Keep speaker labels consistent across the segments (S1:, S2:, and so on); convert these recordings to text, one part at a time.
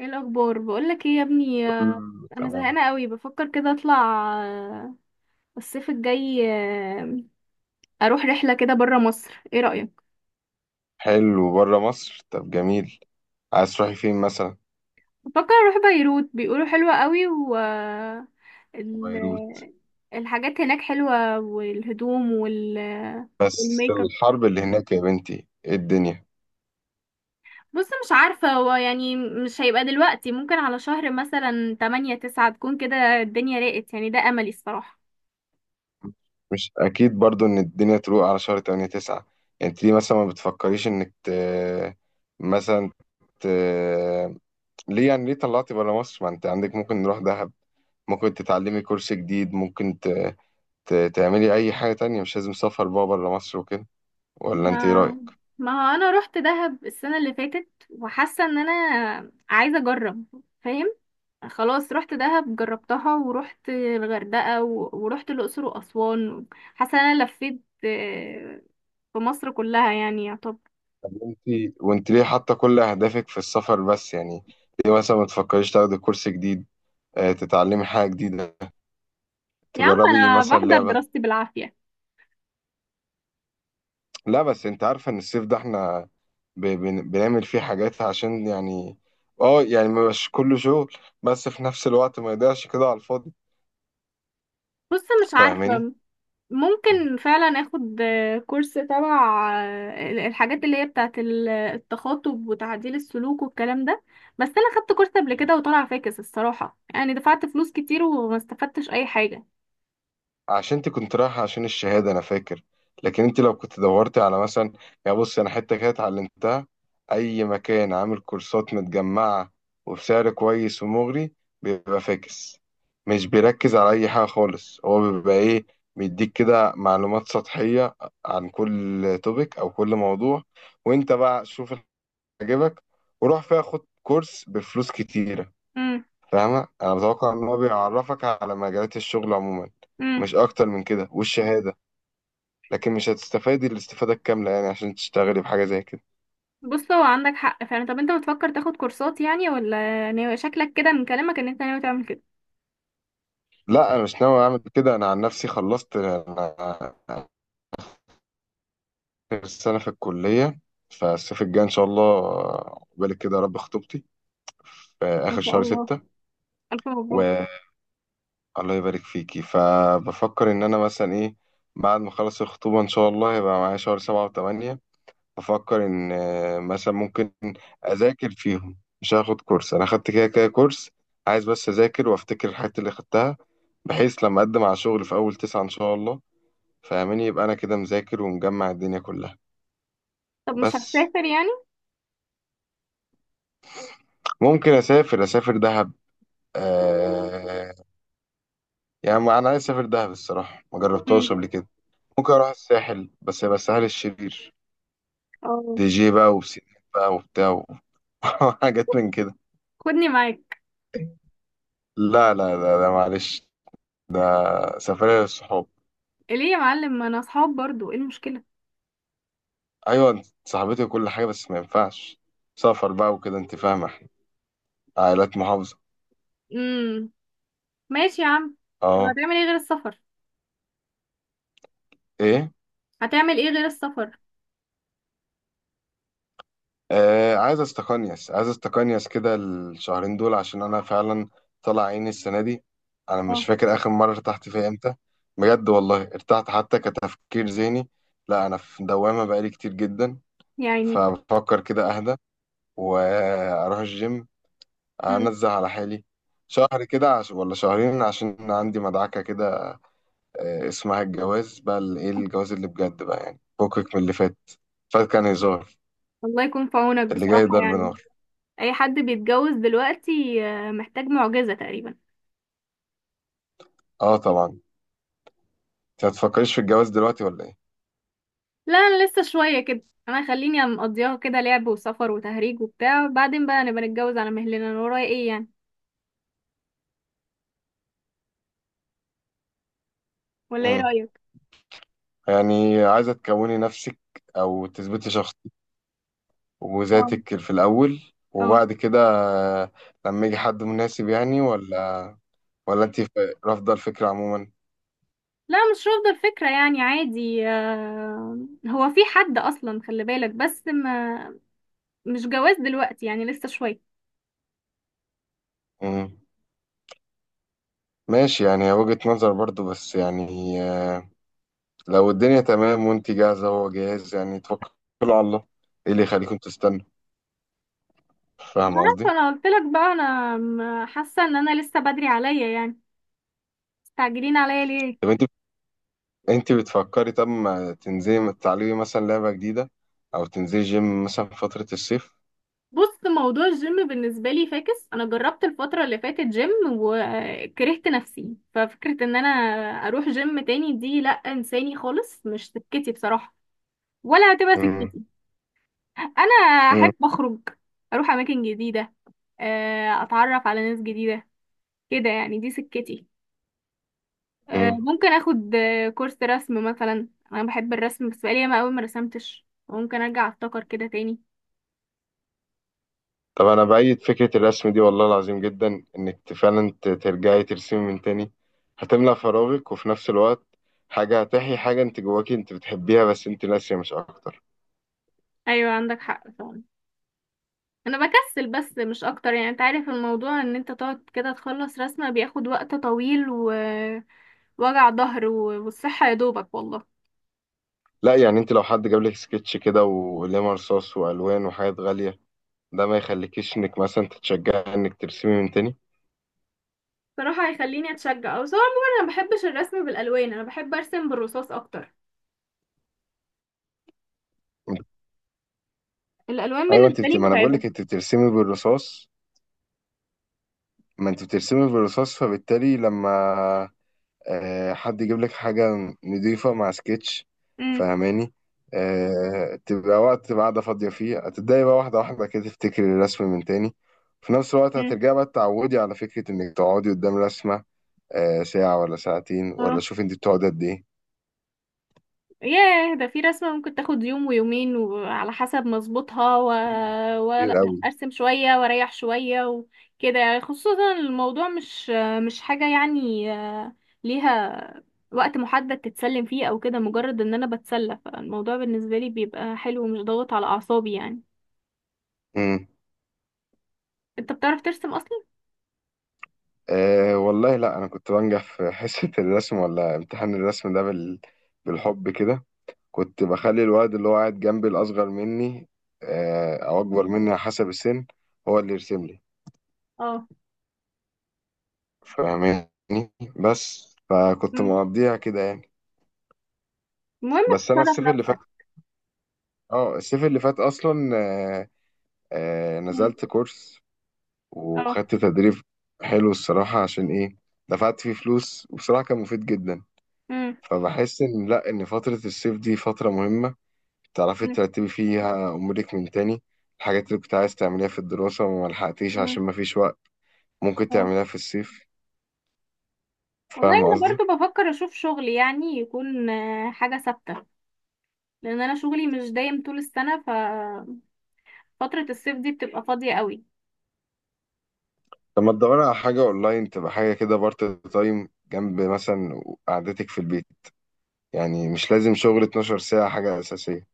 S1: ايه الاخبار؟ بقولك ايه يا ابني؟
S2: مم،
S1: انا
S2: تمام.
S1: زهقانه قوي، بفكر كده اطلع، آه، الصيف الجاي، اروح رحله كده برا مصر. ايه رايك؟
S2: حلو بره مصر، طب جميل. عايز تروحي فين مثلا؟
S1: بفكر اروح بيروت، بيقولوا حلوه قوي، و ال...
S2: بيروت؟
S1: الحاجات هناك حلوه، والهدوم
S2: بس
S1: والميك اب.
S2: الحرب اللي هناك يا بنتي، ايه الدنيا!
S1: بص، مش عارفه، هو يعني مش هيبقى دلوقتي. ممكن على شهر مثلا 8 9 تكون كده الدنيا راقت، يعني ده املي الصراحه.
S2: مش اكيد برضو ان الدنيا تروق على شهر 8 9. انت ليه مثلا ما بتفكريش انك مثلا ت... ليه يعني؟ ليه طلعتي بره مصر؟ ما انت عندك ممكن نروح دهب، ممكن تتعلمي كورس جديد، ممكن تعملي اي حاجة تانية. مش لازم سفر بقى بره مصر وكده، ولا انت ايه
S1: ما
S2: رأيك؟
S1: ما هو انا رحت دهب السنه اللي فاتت، وحاسه ان انا عايزه اجرب. فاهم؟ خلاص، رحت دهب جربتها، ورحت الغردقه ورحت الاقصر واسوان. حاسه ان انا لفيت في مصر كلها يعني، يا طب.
S2: انت ليه حاطه كل اهدافك في السفر بس يعني؟ ليه مثلا ما تفكريش تاخدي كورس جديد، تتعلمي حاجه جديده،
S1: يا عم،
S2: تجربي
S1: انا
S2: مثلا
S1: بحضر
S2: لعبه؟
S1: دراستي بالعافيه.
S2: لا بس انت عارفه ان الصيف ده احنا بنعمل فيه حاجات عشان يعني، اه يعني مبقاش كله شغل، بس في نفس الوقت ما يضيعش كده على الفاضي.
S1: بص، مش
S2: فاهماني؟
S1: عارفه. ممكن فعلا اخد كورس تبع الحاجات اللي هي بتاعه التخاطب وتعديل السلوك والكلام ده. بس انا خدت كورس قبل كده وطلع فاكس الصراحة، يعني دفعت فلوس كتير وما استفدتش اي حاجة.
S2: عشان انت كنت رايحة عشان الشهادة انا فاكر. لكن انت لو كنت دورتي على مثلا، يعني بص انا حتة كده اتعلمتها، اي مكان عامل كورسات متجمعة وبسعر كويس ومغري بيبقى فاكس. مش بيركز على اي حاجة خالص، هو بيبقى ايه، بيديك كده معلومات سطحية عن كل توبيك او كل موضوع، وانت بقى شوف اللي عجبك وروح فيها خد كورس بفلوس كتيرة.
S1: امم.
S2: فاهمة؟ أنا متوقع إن هو بيعرفك على مجالات الشغل عموما،
S1: امم.
S2: مش أكتر من كده والشهادة. لكن مش هتستفادي الاستفادة الكاملة يعني عشان تشتغلي بحاجة زي كده.
S1: بص، هو عندك حق فعلا. طب انت بتفكر تاخد كورسات يعني؟ ولا ناوي؟ شكلك كده من كلامك ان انت ناوي تعمل كده.
S2: لا أنا مش ناوي أعمل كده. أنا عن نفسي خلصت، أنا آخر سنة في الكلية. فالصيف الجاي إن شاء الله، عقبالك كده يا رب، خطوبتي في
S1: ما
S2: آخر
S1: شاء
S2: شهر
S1: الله،
S2: ستة.
S1: الف مبروك.
S2: والله يبارك فيكي. فبفكر إن أنا مثلا إيه، بعد ما أخلص الخطوبة إن شاء الله هيبقى معايا شهر سبعة وثمانية. بفكر ان مثلا ممكن اذاكر فيهم. مش هاخد كورس، انا خدت كده كده كورس. عايز بس اذاكر وافتكر الحاجات اللي خدتها، بحيث لما اقدم على شغل في اول تسعة ان شاء الله. فاهمني؟ يبقى انا كده مذاكر ومجمع الدنيا كلها.
S1: طب مش
S2: بس
S1: هتسافر يعني؟
S2: ممكن اسافر، اسافر دهب. آه، يعني انا عايز اسافر دهب الصراحه، ما جربتهاش
S1: امم.
S2: قبل كده. ممكن اروح الساحل، بس يبقى الساحل الشرير،
S1: اه.
S2: دي جي بقى وبسينات بقى وبتاع و- وحاجات من كده.
S1: خدني معاك.
S2: لا, معلش، ده سفرية للصحاب.
S1: ليه يا معلم؟ ما انا اصحاب برضو، ايه المشكلة؟
S2: ايوه انت صاحبتي وكل حاجه، بس ما ينفعش سفر بقى وكده. انت فاهمه، احنا عائلات محافظه.
S1: مم. ماشي يا عم. طب
S2: اه.
S1: هتعمل ايه غير السفر؟
S2: ايه؟
S1: هتعمل ايه غير السفر؟
S2: آه، عايز استقنيس، عايز استقنيس كده الشهرين دول عشان انا فعلا طلع عيني السنه دي. انا مش
S1: اه.
S2: فاكر اخر مره ارتحت فيها امتى، بجد والله ارتحت حتى كتفكير ذهني. لا انا في دوامه بقالي كتير جدا.
S1: يعني.
S2: فبفكر كده اهدى واروح الجيم،
S1: مم.
S2: انزل على حالي شهر كده ولا شهرين، عشان عندي مدعكه كده، اسمها الجواز بقى، ايه، الجواز اللي بجد بقى يعني، فكك من اللي فات. فات كان هزار،
S1: الله يكون في عونك
S2: اللي جاي
S1: بصراحة،
S2: ضرب
S1: يعني
S2: نار.
S1: اي حد بيتجوز دلوقتي محتاج معجزة تقريبا.
S2: اه طبعا. انت هتفكريش في الجواز دلوقتي ولا ايه؟
S1: لا، انا لسه شوية كده. انا خليني مقضيها كده، لعب وسفر وتهريج وبتاع، بعدين بقى نبقى نتجوز على مهلنا، انا ورايا ايه يعني؟ ولا ايه
S2: مم.
S1: رأيك؟
S2: يعني عايزه تكوني نفسك او تثبتي شخص
S1: اه.
S2: وذاتك في الاول،
S1: اه.
S2: وبعد كده آه، لما يجي حد مناسب يعني، ولا، ولا انت رافضه الفكره عموما؟
S1: لا، مش رافضة الفكرة، يعني عادي. هو في حد اصلا، خلي بالك. بس ما، مش جواز دلوقتي يعني، لسه شوية.
S2: مم. ماشي، يعني هي وجهة نظر برضو، بس يعني لو الدنيا تمام وانت جاهزة وهو جاهز يعني توكلوا على الله. ايه اللي يخليكم تستنوا؟ فاهم قصدي؟
S1: فانا قلت لك بقى، انا حاسه ان انا لسه بدري عليا، يعني مستعجلين عليا ليه؟
S2: طب انت، بتفكري طب ما تنزلي، ما تتعلمي مثلا لعبة جديدة، او تنزلي جيم مثلا في فترة الصيف.
S1: بص، موضوع الجيم بالنسبه لي فاكس. انا جربت الفتره اللي فاتت جيم وكرهت نفسي، ففكره ان انا اروح جيم تاني دي، لا، انساني خالص، مش سكتي بصراحه، ولا هتبقى
S2: امم
S1: سكتي. انا
S2: امم
S1: احب اخرج، اروح اماكن جديده، اتعرف على ناس جديده، كده يعني، دي سكتي.
S2: امم
S1: ممكن اخد كورس رسم مثلا، انا بحب الرسم، بس بقالي ياما قوي ما رسمتش، ممكن ارجع افتكر كده تاني.
S2: طب انا بأيد فكرة الرسم دي والله العظيم جدا، انك فعلا ترجعي ترسمي من تاني. هتملى فراغك، وفي نفس الوقت حاجة هتحيي حاجة انت جواكي انت بتحبيها بس انت ناسية، مش اكتر.
S1: ايوه، عندك حق فعلا. انا بكسل بس، مش اكتر يعني. انت عارف الموضوع، ان انت تقعد كده تخلص رسمة بياخد وقت طويل، ووجع ظهر والصحة يا دوبك والله.
S2: لا يعني انت لو حد جاب لك سكتش كده وقلم رصاص والوان وحاجات غالية، ده ما يخليكيش انك مثلا تتشجعي انك ترسمي من تاني؟
S1: صراحة هيخليني اتشجع او سواء. عموما انا ما بحبش الرسم بالالوان، انا بحب ارسم بالرصاص اكتر. الالوان
S2: ايوه انت
S1: بالنسبة لي
S2: ما انا بقول
S1: متعبة.
S2: لك انت بترسمي بالرصاص. ما انت بترسمي بالرصاص، فبالتالي لما حد يجيب لك حاجه نضيفه مع سكتش،
S1: امم.
S2: فاهماني؟ تبقى وقت، تبقى قاعده فاضيه فيه، هتبداي بقى واحده واحده كده تفتكري الرسم من تاني. في نفس الوقت
S1: امم.
S2: هترجعي بقى تتعودي على فكره انك تقعدي قدام رسمه ساعه ولا ساعتين، ولا
S1: اه.
S2: شوفي انت بتقعدي قد ايه.
S1: ياه، ده في رسمة ممكن تاخد يوم ويومين، وعلى حسب مظبوطها،
S2: كتير
S1: ولا
S2: قوي.
S1: ارسم شوية واريح شوية وكده يعني، خصوصا الموضوع مش حاجة يعني ليها وقت محدد تتسلم فيه او كده، مجرد ان انا بتسلى، فالموضوع بالنسبة لي بيبقى حلو ومش ضاغط على اعصابي يعني.
S2: امم.
S1: انت بتعرف ترسم اصلا؟
S2: أه والله، لا انا كنت بنجح في حصه الرسم ولا امتحان الرسم ده بالحب كده. كنت بخلي الواد اللي هو قاعد جنبي، الأصغر مني أو أكبر مني على حسب السن، هو اللي يرسم لي.
S1: اه.
S2: فاهماني؟ بس فكنت
S1: مم.
S2: مقضيها كده يعني.
S1: المهم
S2: بس أنا
S1: تتصرف
S2: الصيف اللي فات،
S1: نفسك.
S2: اه الصيف اللي فات أصلا
S1: مم.
S2: نزلت كورس
S1: اه.
S2: وخدت تدريب حلو الصراحة، عشان إيه، دفعت فيه فلوس وبصراحة كان مفيد جدا.
S1: مم.
S2: فبحس إن لأ، إن فترة الصيف دي فترة مهمة، تعرفي
S1: مم.
S2: ترتبي فيها أمورك من تاني. الحاجات اللي كنت عايز تعمليها في الدراسة وما لحقتيش
S1: مم.
S2: عشان مفيش وقت، ممكن
S1: اه
S2: تعمليها في الصيف.
S1: والله،
S2: فاهم
S1: انا
S2: قصدي؟
S1: برضو بفكر اشوف شغل يعني، يكون حاجة ثابتة. لان انا شغلي مش دايم طول السنه، ففتره الصيف دي بتبقى فاضيه قوي.
S2: لما تدوري على حاجة أونلاين تبقى حاجة كده بارت تايم جنب مثلا قعدتك في البيت، يعني مش لازم شغل 12 ساعة حاجة أساسية.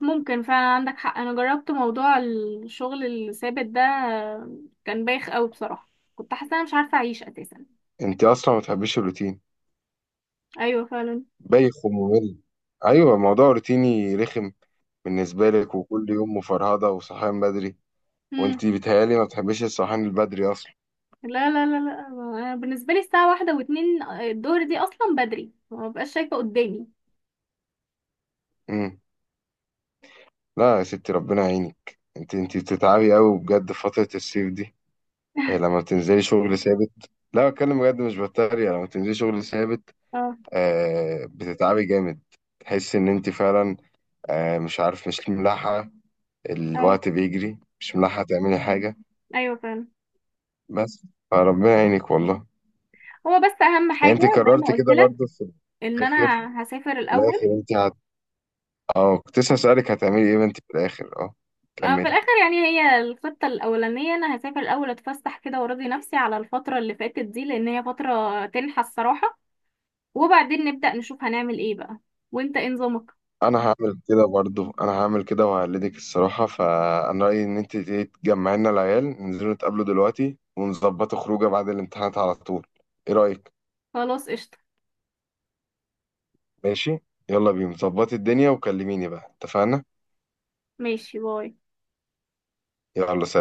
S1: ممكن فعلا، عندك حق. انا جربت موضوع الشغل الثابت ده، كان بايخ قوي بصراحه. كنت حاسه انا مش عارفه اعيش اساسا.
S2: أنت أصلا ما بتحبيش الروتين،
S1: ايوه فعلا.
S2: بايخ وممل. أيوة، موضوع روتيني رخم بالنسبة لك، وكل يوم مفرهدة وصحيان بدري.
S1: مم.
S2: وأنت بتهيألي ما بتحبيش الصحيان البدري أصلا.
S1: لا، لا، لا، لا. أنا بالنسبه لي الساعه واحدة واتنين الظهر دي اصلا بدري، ما ببقاش شايفه قدامي.
S2: مم. لا يا ستي ربنا يعينك، انت بتتعبي قوي بجد في فترة الصيف دي. إيه لما بتنزلي شغل ثابت، لا بتكلم بجد مش بتريق، لما بتنزلي شغل ثابت
S1: اه.
S2: آه بتتعبي جامد. تحسي ان انت فعلا آه، مش عارف، مش ملاحقة،
S1: اه.
S2: الوقت بيجري مش ملاحقة تعملي حاجة.
S1: ايوه فعلا.
S2: بس فربنا يعينك والله.
S1: هو بس اهم
S2: يعني
S1: حاجه
S2: انت
S1: زي ما
S2: قررت
S1: قلت
S2: كده
S1: لك،
S2: برضه في
S1: ان
S2: الاخر،
S1: انا هسافر
S2: في الاخر
S1: الاول.
S2: انت اه كنت لسه اسألك هتعملي ايه انت في الاخر، اه
S1: في
S2: كملي.
S1: الاخر يعني، هي الخطه الاولانيه، انا هسافر الاول، اتفسح كده وارضي نفسي على الفتره اللي فاتت دي، لان هي فتره تنحى الصراحه. وبعدين نبدا نشوف هنعمل ايه بقى. وانت ايه نظامك؟
S2: انا هعمل كده برضو، انا هعمل كده وهقلدك الصراحه. فانا رايي ان انت تيجي تجمعي لنا العيال ننزلوا نتقابلوا دلوقتي ونظبطوا خروجه بعد الامتحانات على طول. ايه رايك؟
S1: خلاص، قشطه.
S2: ماشي. يلا بينا، ظبطي الدنيا وكلميني بقى، اتفقنا؟
S1: ماشي، باي.
S2: يلا.